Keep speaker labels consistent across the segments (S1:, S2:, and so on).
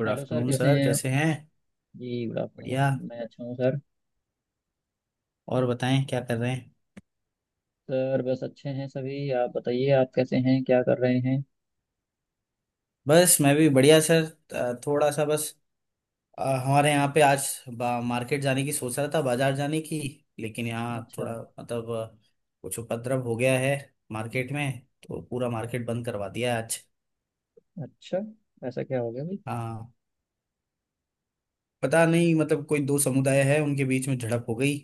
S1: Good
S2: hello sir
S1: afternoon
S2: कैसे
S1: sir.
S2: हैं आप।
S1: कैसे हैं?
S2: जी गुड आफ्टरनून।
S1: बढ़िया।
S2: मैं अच्छा हूँ सर।
S1: और बताएं क्या कर रहे हैं?
S2: सर बस अच्छे हैं सभी। आप बताइए आप कैसे हैं, क्या कर रहे हैं।
S1: बस मैं भी बढ़िया सर। थोड़ा सा बस। हमारे यहाँ पे आज मार्केट जाने की सोच रहा था, बाजार जाने की। लेकिन यहाँ
S2: अच्छा।
S1: थोड़ा मतलब कुछ उपद्रव हो गया है मार्केट में। तो पूरा मार्केट बंद करवा दिया है आज।
S2: अच्छा। ऐसा क्या हो गया भाई।
S1: हाँ। पता नहीं, मतलब कोई दो समुदाय है, उनके बीच में झड़प हो गई।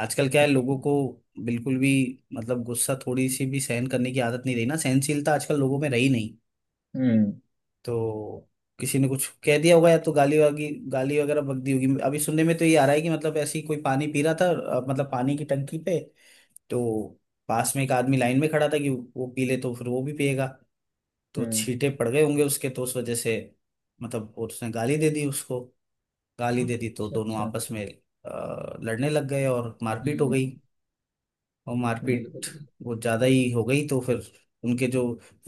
S1: आजकल क्या है लोगों
S2: अच्छा।
S1: को। बिल्कुल भी। मतलब गुस्सा, थोड़ी सी भी सहन करने की आदत नहीं रही ना, सहनशीलता आजकल लोगों में रही नहीं।
S2: हम्म।
S1: तो किसी ने कुछ कह दिया होगा, या तो गाली वागी गाली वगैरह बक दी होगी। अभी सुनने में तो ये आ रहा है कि मतलब ऐसे ही कोई पानी पी रहा था, मतलब पानी की टंकी पे। तो पास में एक आदमी लाइन में खड़ा था कि वो पी ले तो फिर वो भी पिएगा। तो
S2: हम्म।
S1: छींटे पड़ गए होंगे उसके, तो उस वजह से। मतलब वो, उसने गाली दे दी उसको। गाली दे दी तो
S2: अच्छा।
S1: दोनों
S2: अच्छा।
S1: आपस में लड़ने लग गए और मारपीट हो
S2: हम्म।
S1: गई। और मारपीट
S2: बिल्कुल।
S1: वो ज्यादा ही हो गई तो फिर उनके जो,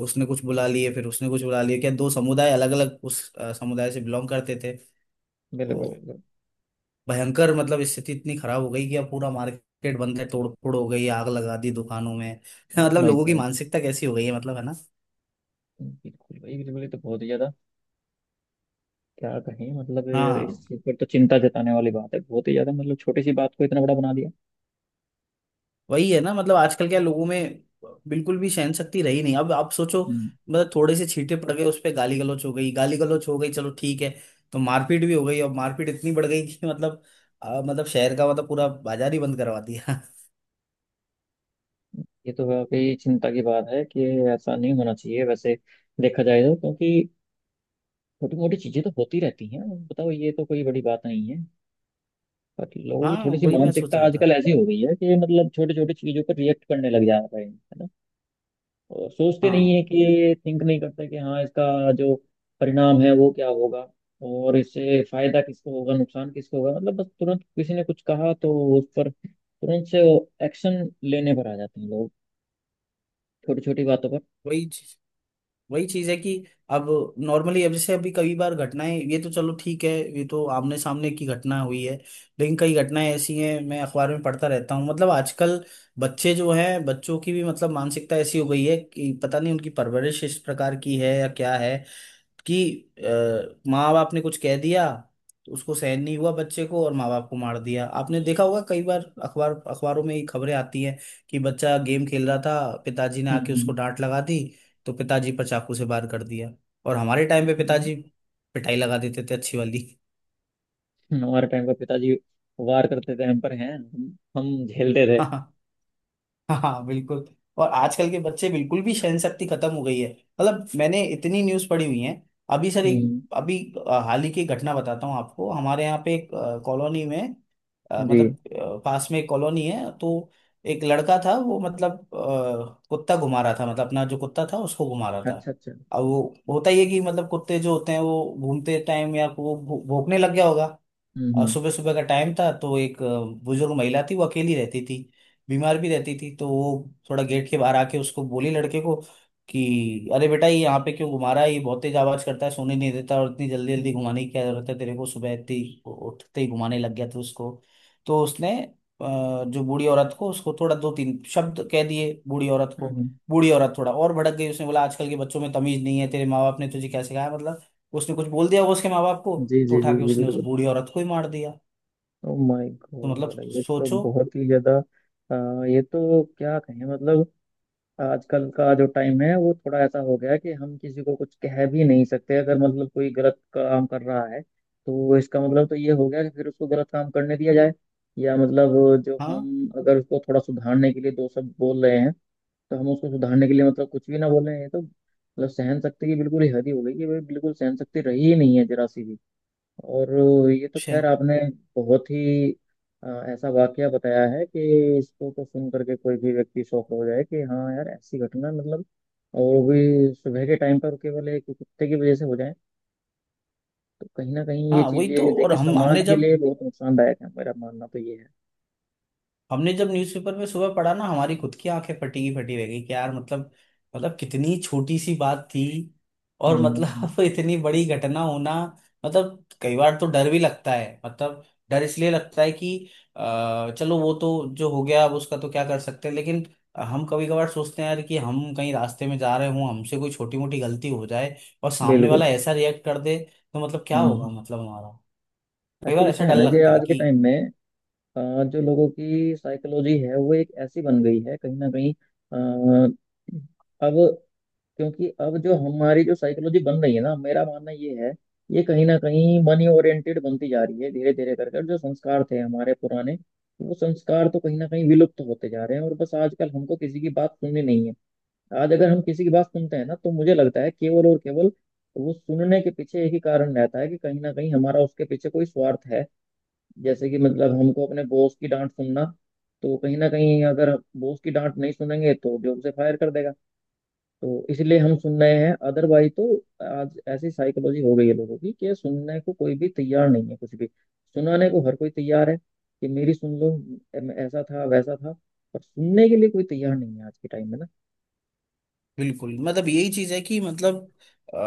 S1: उसने कुछ बुला लिए, फिर उसने कुछ बुला लिए, क्या दो समुदाय अलग अलग उस समुदाय से बिलोंग करते थे।
S2: बिल्कुल।
S1: तो
S2: बिल्कुल।
S1: भयंकर मतलब स्थिति इतनी खराब हो गई कि अब पूरा मार्केट बंद है, तोड़ फोड़ हो गई, आग लगा दी दुकानों में।
S2: ओह
S1: मतलब
S2: माय
S1: लोगों की
S2: गॉड।
S1: मानसिकता कैसी हो गई है, मतलब है ना।
S2: बिल्कुल भाई, बिल्कुल, ये तो बहुत ही ज़्यादा। क्या कहें मतलब
S1: हाँ,
S2: इस चीज़ पर तो चिंता जताने वाली बात है, बहुत ही ज़्यादा। मतलब छोटी सी बात को इतना बड़ा बना दिया।
S1: वही है ना। मतलब आजकल क्या लोगों में बिल्कुल भी सहन शक्ति रही नहीं। अब आप सोचो।
S2: हम्म।
S1: मतलब थोड़े से छींटे पड़ गए, उस पर गाली गलौच हो गई, गाली गलौच हो गई, चलो ठीक है। तो मारपीट भी हो गई और मारपीट इतनी बढ़ गई कि मतलब मतलब शहर का, मतलब पूरा बाजार ही बंद करवा दिया।
S2: ये तो वाकई चिंता की बात है कि ऐसा नहीं होना चाहिए। वैसे देखा जाए तो क्योंकि छोटी मोटी चीजें तो होती रहती हैं। बताओ, ये तो कोई बड़ी बात नहीं है। पर लोगों की
S1: हाँ,
S2: थोड़ी सी
S1: वही मैं सोच
S2: मानसिकता
S1: रहा था।
S2: आजकल ऐसी हो गई है कि मतलब छोटी छोटी चीजों पर रिएक्ट करने लग जा रहे हैं, है ना। और सोचते नहीं
S1: हाँ,
S2: है कि थिंक नहीं करते कि हाँ इसका जो परिणाम है वो क्या होगा। और इससे फायदा किसको होगा, नुकसान किसको होगा, मतलब बस तुरंत किसी ने कुछ कहा तो उस पर तुरंत से वो एक्शन लेने पर आ जाते हैं लोग, छोटी छोटी बातों पर।
S1: वही चीज। वही चीज है कि अब, नॉर्मली अब जैसे अभी कई बार घटनाएं, ये तो चलो ठीक है। ये तो आमने सामने की घटना हुई है। लेकिन कई घटनाएं ऐसी हैं, मैं अखबार में पढ़ता रहता हूँ, मतलब आजकल बच्चे जो हैं, बच्चों की भी मतलब मानसिकता ऐसी हो गई है कि पता नहीं उनकी परवरिश इस प्रकार की है या क्या है। कि माँ बाप ने कुछ कह दिया तो उसको सहन नहीं हुआ बच्चे को, और माँ बाप को मार दिया। आपने देखा होगा कई बार, अखबारों में ये खबरें आती हैं। कि बच्चा गेम खेल रहा था, पिताजी ने आके उसको
S2: हम्म।
S1: डांट लगा दी, तो पिताजी पर चाकू से वार कर दिया। और हमारे टाइम पे
S2: हम्म।
S1: पिताजी पिटाई लगा देते थे, अच्छी वाली।
S2: हमारे टाइम पर पिताजी वार करते थे हम पर। हैं हम झेलते थे।
S1: हाँ बिल्कुल। और आजकल के बच्चे, बिल्कुल भी सहन शक्ति खत्म हो गई है। मतलब मैंने इतनी न्यूज़ पढ़ी हुई है। अभी सर एक
S2: हम्म।
S1: अभी हाल ही की घटना बताता हूँ आपको। हमारे यहाँ पे एक कॉलोनी में,
S2: जी।
S1: मतलब पास में एक कॉलोनी है, तो एक लड़का था वो मतलब कुत्ता घुमा रहा था, मतलब अपना जो कुत्ता था उसको घुमा रहा था।
S2: अच्छा अच्छा।
S1: अब वो होता ही है कि मतलब कुत्ते जो होते हैं वो घूमते टाइम या वो भौंकने लग गया होगा।
S2: हम्म।
S1: और
S2: हम्म।
S1: सुबह सुबह का टाइम था तो एक बुजुर्ग महिला थी, वो अकेली रहती थी। बीमार भी रहती थी, तो वो थोड़ा गेट के बाहर आके उसको बोली, लड़के को, कि अरे बेटा, ये यहाँ पे क्यों घुमा रहा है? ये बहुत तेज आवाज करता है, सोने नहीं देता, और इतनी जल्दी जल्दी
S2: हम्म।
S1: घुमाने की क्या जरूरत है तेरे को? सुबह इतनी उठते ही घुमाने लग गया था उसको। तो उसने जो बूढ़ी औरत को, उसको थोड़ा दो तीन शब्द कह दिए बूढ़ी औरत को।
S2: हम्म। हम्म।
S1: बूढ़ी औरत थोड़ा और भड़क गई, उसने बोला आजकल के बच्चों में तमीज नहीं है, तेरे माँ बाप ने तुझे क्या सिखाया, मतलब। उसने कुछ बोल दिया होगा उसके माँ बाप को।
S2: जी
S1: तो
S2: जी
S1: उठा
S2: जी
S1: के
S2: जी,
S1: उसने उस
S2: बिल्कुल।
S1: बूढ़ी औरत को ही मार दिया।
S2: ओ माय
S1: तो
S2: गॉड,
S1: मतलब
S2: ये तो
S1: सोचो।
S2: बहुत ही ज्यादा। ये तो क्या कहें, मतलब आजकल का जो टाइम है वो थोड़ा ऐसा हो गया है कि हम किसी को कुछ कह भी नहीं सकते। अगर मतलब कोई गलत काम कर रहा है तो इसका मतलब तो ये हो गया कि फिर उसको गलत काम करने दिया जाए, या मतलब जो
S1: हाँ।
S2: हम अगर उसको थोड़ा सुधारने के लिए दो शब्द बोल रहे हैं तो हम उसको सुधारने के लिए मतलब कुछ भी ना बोले। ये तो मतलब सहन शक्ति की बिल्कुल ही हद ही हो गई कि भाई बिल्कुल सहन शक्ति रही ही नहीं है, जरा सी भी। और ये तो
S1: शे
S2: खैर आपने बहुत ही अ, ऐसा वाकया बताया है कि इसको तो सुन करके कोई भी व्यक्ति शॉक हो जाए कि हाँ यार ऐसी घटना, मतलब। और वो भी सुबह के टाइम पर, केवल एक कुत्ते की वजह से हो जाए, तो कहीं ना कहीं ये
S1: हाँ, वही तो।
S2: चीजें
S1: और
S2: देखिए
S1: हम
S2: समाज के लिए बहुत नुकसानदायक है। मेरा मानना तो ये है।
S1: हमने जब न्यूज़पेपर में सुबह पढ़ा ना, हमारी खुद की आंखें फटी की फटी रह गई कि यार, मतलब, मतलब कितनी छोटी सी बात थी। और
S2: हम्म।
S1: मतलब, इतनी बड़ी घटना होना। मतलब कई बार तो डर भी लगता है, मतलब, डर इसलिए लगता है कि चलो, वो तो जो हो गया अब उसका तो क्या कर सकते हैं, लेकिन हम कभी कभार सोचते हैं यार कि हम कहीं रास्ते में जा रहे हों, हमसे कोई छोटी मोटी गलती हो जाए और सामने
S2: बिल्कुल।
S1: वाला ऐसा रिएक्ट कर दे, तो मतलब क्या होगा
S2: हम्म।
S1: मतलब हमारा। कई बार
S2: एक्चुअली
S1: ऐसा
S2: क्या है
S1: डर
S2: ना कि
S1: लगता
S2: आज
S1: है
S2: के
S1: कि
S2: टाइम में जो लोगों की साइकोलॉजी है वो एक ऐसी बन गई है कहीं ना कहीं। अ, अब क्योंकि अब जो हमारी जो साइकोलॉजी बन रही है ना, मेरा मानना ये है। ये कहीं ना कहीं मनी ओरिएंटेड बनती जा रही है धीरे धीरे करके, और जो संस्कार थे हमारे पुराने, वो संस्कार तो कहीं ना कहीं विलुप्त होते जा रहे हैं। और बस आजकल हमको किसी की बात सुननी नहीं है। आज अगर हम किसी की बात सुनते हैं ना, तो मुझे लगता है केवल और केवल वो सुनने के पीछे एक ही कारण रहता है कि कहीं ना कहीं हमारा उसके पीछे कोई स्वार्थ है। जैसे कि मतलब हमको अपने बॉस की डांट सुनना, तो कहीं ना कहीं अगर बॉस की डांट नहीं सुनेंगे तो जॉब से फायर कर देगा, तो इसलिए हम सुन रहे हैं। अदरवाइज तो आज ऐसी साइकोलॉजी हो गई है लोगों की कि सुनने को कोई भी तैयार नहीं है, कुछ भी। सुनाने को हर कोई तैयार है कि मेरी सुन लो, ऐसा था वैसा था। पर सुनने के लिए कोई तैयार नहीं है आज के टाइम में ना।
S1: बिल्कुल मतलब यही चीज है कि मतलब अ,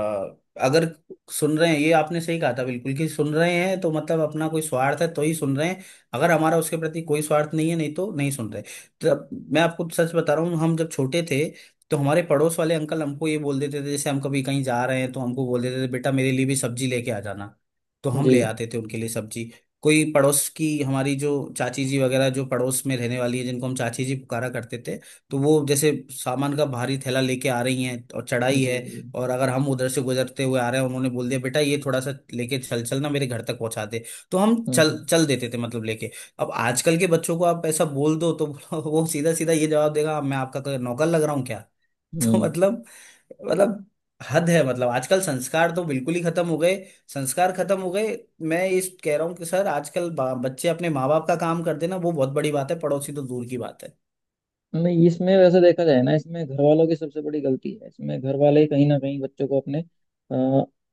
S1: अगर सुन रहे हैं, ये आपने सही कहा था बिल्कुल, कि सुन रहे हैं तो मतलब अपना कोई स्वार्थ है तो ही सुन रहे हैं। अगर हमारा उसके प्रति कोई स्वार्थ नहीं है, नहीं तो नहीं सुन रहे। तब मैं आपको सच बता रहा हूँ, हम जब छोटे थे, तो हमारे पड़ोस वाले अंकल हमको ये बोल देते थे, जैसे हम कभी कहीं जा रहे हैं तो हमको बोल देते थे, बेटा मेरे लिए भी सब्जी लेके आ जाना। तो हम
S2: जी
S1: ले आते थे उनके लिए सब्जी। कोई पड़ोस की हमारी जो चाची जी वगैरह, जो पड़ोस में रहने वाली है, जिनको हम चाची जी पुकारा करते थे। तो वो जैसे सामान का भारी थैला लेके आ रही हैं और चढ़ाई
S2: जी
S1: है,
S2: जी।
S1: और अगर हम उधर से गुजरते हुए आ रहे हैं, उन्होंने बोल दिया बेटा ये थोड़ा सा लेके चल चल ना, मेरे घर तक पहुंचा दे। तो हम
S2: हम्म।
S1: चल
S2: हम्म।
S1: चल देते थे, मतलब लेके। अब आजकल के बच्चों को आप ऐसा बोल दो तो वो सीधा सीधा ये जवाब देगा, मैं आपका कोई नौकर लग रहा हूँ क्या। तो
S2: हम्म।
S1: मतलब, मतलब हद है, मतलब आजकल संस्कार तो बिल्कुल ही खत्म हो गए। संस्कार खत्म हो गए। मैं इस कह रहा हूँ कि सर आजकल बच्चे अपने माँ बाप का काम करते ना, वो बहुत बड़ी बात है, पड़ोसी तो दूर की बात है।
S2: नहीं, इसमें वैसे देखा जाए ना, इसमें घर वालों की सबसे बड़ी गलती है। इसमें घर वाले कहीं ना कहीं बच्चों को अपने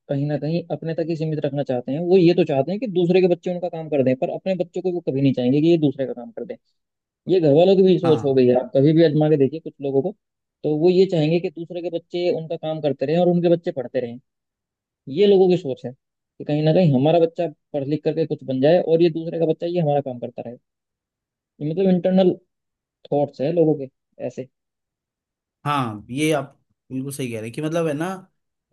S2: कहीं ना कहीं अपने तक ही सीमित रखना चाहते हैं। वो ये तो चाहते हैं कि दूसरे के बच्चे उनका काम कर दें पर अपने बच्चों को वो कभी नहीं चाहेंगे कि ये दूसरे का काम कर दें। ये घर वालों की भी सोच हो
S1: हाँ
S2: गई है। आप कभी भी आजमा के देखिए कुछ लोगों को, तो वो ये चाहेंगे कि दूसरे के बच्चे उनका काम करते रहें और उनके बच्चे पढ़ते रहें। ये लोगों की सोच है कि कहीं ना कहीं हमारा बच्चा पढ़ लिख करके कुछ बन जाए और ये दूसरे का बच्चा ये हमारा काम करता रहे। ये मतलब इंटरनल थॉट्स है लोगों के ऐसे।
S1: हाँ, ये आप बिल्कुल सही कह रहे हैं कि, मतलब है ना,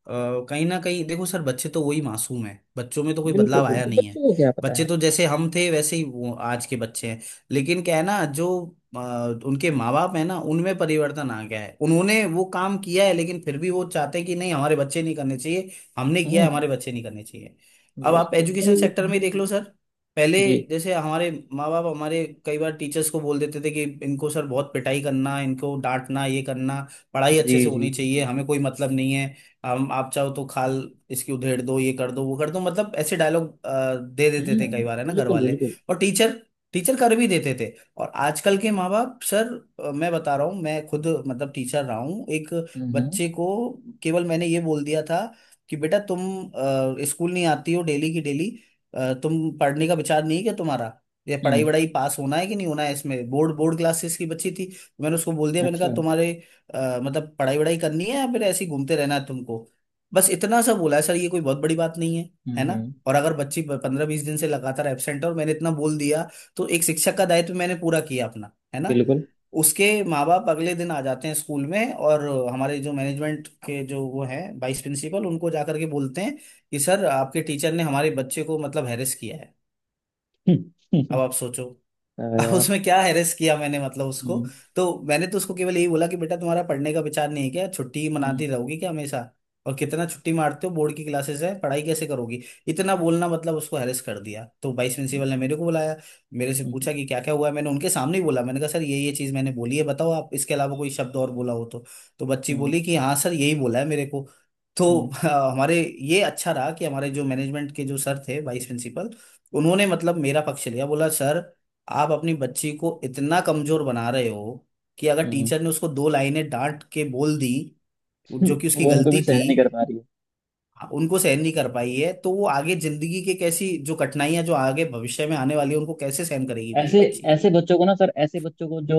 S1: अ, कहीं ना कहीं देखो सर, बच्चे तो वही मासूम है, बच्चों में तो कोई
S2: बिल्कुल
S1: बदलाव आया
S2: बिल्कुल,
S1: नहीं है।
S2: बच्चों को क्या पता
S1: बच्चे
S2: है।
S1: तो जैसे हम थे वैसे ही वो आज के बच्चे हैं। लेकिन क्या है ना जो, अ, उनके माँ बाप है ना, उनमें परिवर्तन आ गया है, उन्होंने वो काम किया है, लेकिन फिर भी वो चाहते हैं कि नहीं हमारे बच्चे नहीं करने चाहिए। हमने किया है,
S2: हम्म।
S1: हमारे बच्चे नहीं करने चाहिए। अब
S2: बस
S1: आप
S2: तो बताओ,
S1: एजुकेशन
S2: ये
S1: सेक्टर
S2: कौन
S1: में ही
S2: सा
S1: देख
S2: चीज
S1: लो
S2: है?
S1: सर। पहले
S2: जी
S1: जैसे हमारे माँ बाप हमारे कई बार टीचर्स को बोल देते थे कि इनको सर बहुत पिटाई करना, इनको डांटना, ये करना। पढ़ाई
S2: जी
S1: अच्छे से
S2: जी
S1: होनी
S2: जी,
S1: चाहिए,
S2: बिल्कुल।
S1: हमें कोई मतलब नहीं है। हम, आप चाहो तो खाल इसकी उधेड़ दो, ये कर दो, वो कर दो, मतलब ऐसे डायलॉग दे देते थे
S2: हम्म।
S1: कई बार है ना घर
S2: बिल्कुल
S1: वाले।
S2: बिल्कुल।
S1: और टीचर टीचर कर भी देते थे। और आजकल के माँ बाप सर, मैं बता रहा हूँ, मैं खुद मतलब टीचर रहा हूँ। एक
S2: हम्म। हम्म।
S1: बच्चे को केवल मैंने ये बोल दिया था कि बेटा तुम स्कूल नहीं आती हो डेली की डेली, तुम पढ़ने का विचार नहीं है क्या तुम्हारा? ये पढ़ाई
S2: हम्म।
S1: वढ़ाई पास होना है कि नहीं होना है इसमें? बोर्ड बोर्ड क्लासेस की बच्ची थी, तो मैंने उसको बोल दिया, मैंने कहा
S2: अच्छा।
S1: तुम्हारे मतलब पढ़ाई वढ़ाई करनी है या फिर ऐसे ही घूमते रहना है तुमको? बस इतना सा बोला है सर, ये कोई बहुत बड़ी बात नहीं है,
S2: हम्म।
S1: है ना।
S2: हम्म।
S1: और अगर बच्ची 15-20 दिन से लगातार एब्सेंट है और मैंने इतना बोल दिया, तो एक शिक्षक का दायित्व मैंने पूरा किया अपना, है ना।
S2: बिल्कुल।
S1: उसके माँ बाप अगले दिन आ जाते हैं स्कूल में, और हमारे जो मैनेजमेंट के जो वो हैं वाइस प्रिंसिपल, उनको जा करके बोलते हैं कि सर आपके टीचर ने हमारे बच्चे को मतलब हैरेस किया है।
S2: हम्म।
S1: अब आप सोचो।
S2: हाँ
S1: अब
S2: यार।
S1: उसमें क्या हेरेस किया मैंने मतलब उसको।
S2: हम्म।
S1: तो मैंने तो उसको केवल यही बोला कि बेटा तुम्हारा पढ़ने का विचार नहीं है क्या? छुट्टी ही
S2: हम्म।
S1: मनाती रहोगी क्या हमेशा? और कितना छुट्टी मारते हो, बोर्ड की क्लासेस है, पढ़ाई कैसे करोगी? इतना बोलना मतलब उसको हेरेस कर दिया, तो वाइस प्रिंसिपल ने मेरे को बुलाया। मेरे से
S2: हम्म।
S1: पूछा
S2: हम्म।
S1: कि क्या क्या हुआ है, मैंने उनके सामने ही बोला, मैंने कहा सर ये चीज़ मैंने बोली है, बताओ आप इसके अलावा कोई शब्द और बोला हो तो। तो बच्ची
S2: हम्म।
S1: बोली कि हाँ सर, यही बोला है मेरे को। तो हमारे ये अच्छा रहा कि हमारे जो मैनेजमेंट के जो सर थे, वाइस प्रिंसिपल, उन्होंने मतलब मेरा पक्ष लिया, बोला सर आप अपनी बच्ची को इतना कमजोर बना रहे हो कि अगर
S2: हम्म।
S1: टीचर ने उसको दो लाइनें डांट के बोल दी,
S2: हम्म।
S1: जो कि उसकी
S2: वो उनको भी
S1: गलती
S2: सहन
S1: थी,
S2: नहीं कर पा रही है।
S1: उनको सहन नहीं कर पाई है, तो वो आगे जिंदगी के कैसी जो कठिनाइयां जो आगे भविष्य में आने वाली है, उनको कैसे सहन करेगी मेरी
S2: ऐसे
S1: बच्ची।
S2: ऐसे बच्चों को ना सर, ऐसे बच्चों को जो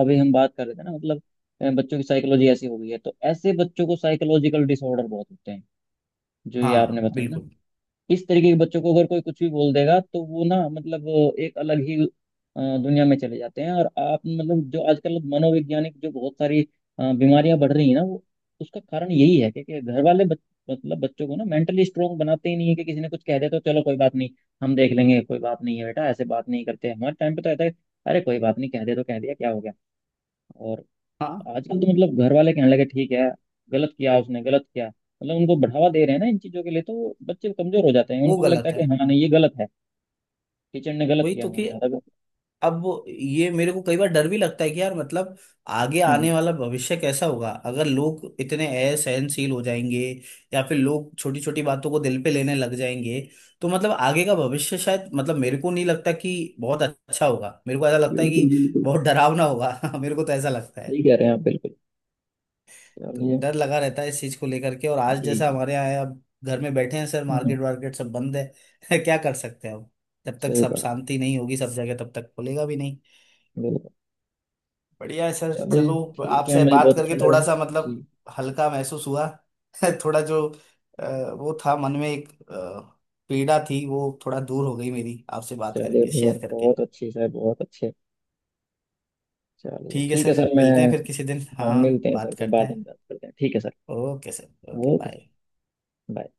S2: अभी हम बात कर रहे थे ना, मतलब बच्चों की साइकोलॉजी ऐसी हो गई है, तो ऐसे बच्चों को साइकोलॉजिकल डिसऑर्डर बहुत होते हैं। जो ये आपने
S1: हाँ
S2: बताया,
S1: बिल्कुल।
S2: इस तरीके के बच्चों को अगर कोई कुछ भी बोल देगा तो वो ना मतलब एक अलग ही दुनिया में चले जाते हैं। और आप मतलब जो आजकल मनोवैज्ञानिक जो बहुत सारी बीमारियां बढ़ रही हैं ना, वो उसका कारण यही है क्योंकि घर वाले मतलब बच्चों को ना मेंटली स्ट्रोंग बनाते ही नहीं है कि किसी ने कुछ कह दे तो चलो कोई बात नहीं, हम देख लेंगे, कोई बात नहीं है बेटा, ऐसे बात नहीं करते, हमारे टाइम पे तो ऐसा है। अरे कोई बात नहीं, कह दे तो कह दिया, क्या हो गया। और
S1: हाँ,
S2: आजकल तो मतलब घर वाले कहने लगे ठीक है, गलत किया, उसने गलत किया, मतलब उनको बढ़ावा दे रहे हैं ना इन चीजों के लिए, तो बच्चे कमजोर हो जाते हैं।
S1: वो
S2: उनको भी लगता
S1: गलत
S2: है
S1: है।
S2: कि हाँ नहीं ये गलत है, टीचर ने गलत
S1: वही
S2: किया
S1: तो
S2: हमारे
S1: कि
S2: साथ, अगर।
S1: अब ये मेरे को कई बार डर भी लगता है कि यार मतलब, आगे
S2: हम्म।
S1: आने वाला भविष्य कैसा होगा अगर लोग इतने असहनशील हो जाएंगे, या फिर लोग छोटी छोटी बातों को दिल पे लेने लग जाएंगे। तो मतलब आगे का भविष्य, शायद मतलब मेरे को नहीं लगता कि बहुत अच्छा होगा, मेरे को ऐसा लगता है
S2: बिल्कुल
S1: कि
S2: बिल्कुल।
S1: बहुत डरावना होगा। मेरे को तो ऐसा लगता है।
S2: सही कह रहे हैं आप, बिल्कुल।
S1: तो
S2: चलिए।
S1: डर लगा रहता है इस चीज को लेकर के, और आज
S2: जी
S1: जैसा
S2: जी।
S1: हमारे यहाँ है, अब घर में बैठे हैं सर,
S2: हम्म।
S1: मार्केट वार्केट सब बंद है। क्या कर सकते हैं अब। जब तक
S2: सही
S1: सब
S2: बात है।
S1: शांति नहीं होगी सब जगह, तब तक खुलेगा भी नहीं।
S2: बिल्कुल।
S1: बढ़िया है सर,
S2: चलिए
S1: चलो।
S2: ठीक है,
S1: आपसे
S2: मुझे
S1: बात
S2: बहुत अच्छा
S1: करके थोड़ा
S2: लगा।
S1: सा
S2: जी।
S1: मतलब हल्का महसूस हुआ। थोड़ा जो वो था मन में, एक पीड़ा थी, वो थोड़ा दूर हो गई मेरी आपसे बात
S2: चलिए
S1: करके, शेयर
S2: बहुत
S1: करके।
S2: बहुत अच्छी सर, बहुत अच्छे। चलिए
S1: ठीक है
S2: ठीक है
S1: सर,
S2: सर, मैं।
S1: मिलते हैं फिर किसी दिन,
S2: हाँ
S1: हाँ
S2: मिलते हैं
S1: बात
S2: सर, फिर
S1: करते
S2: बाद
S1: हैं।
S2: में बात करते हैं, ठीक है sir.
S1: Okay sir, okay,
S2: okay sir.
S1: Bye.
S2: Bye.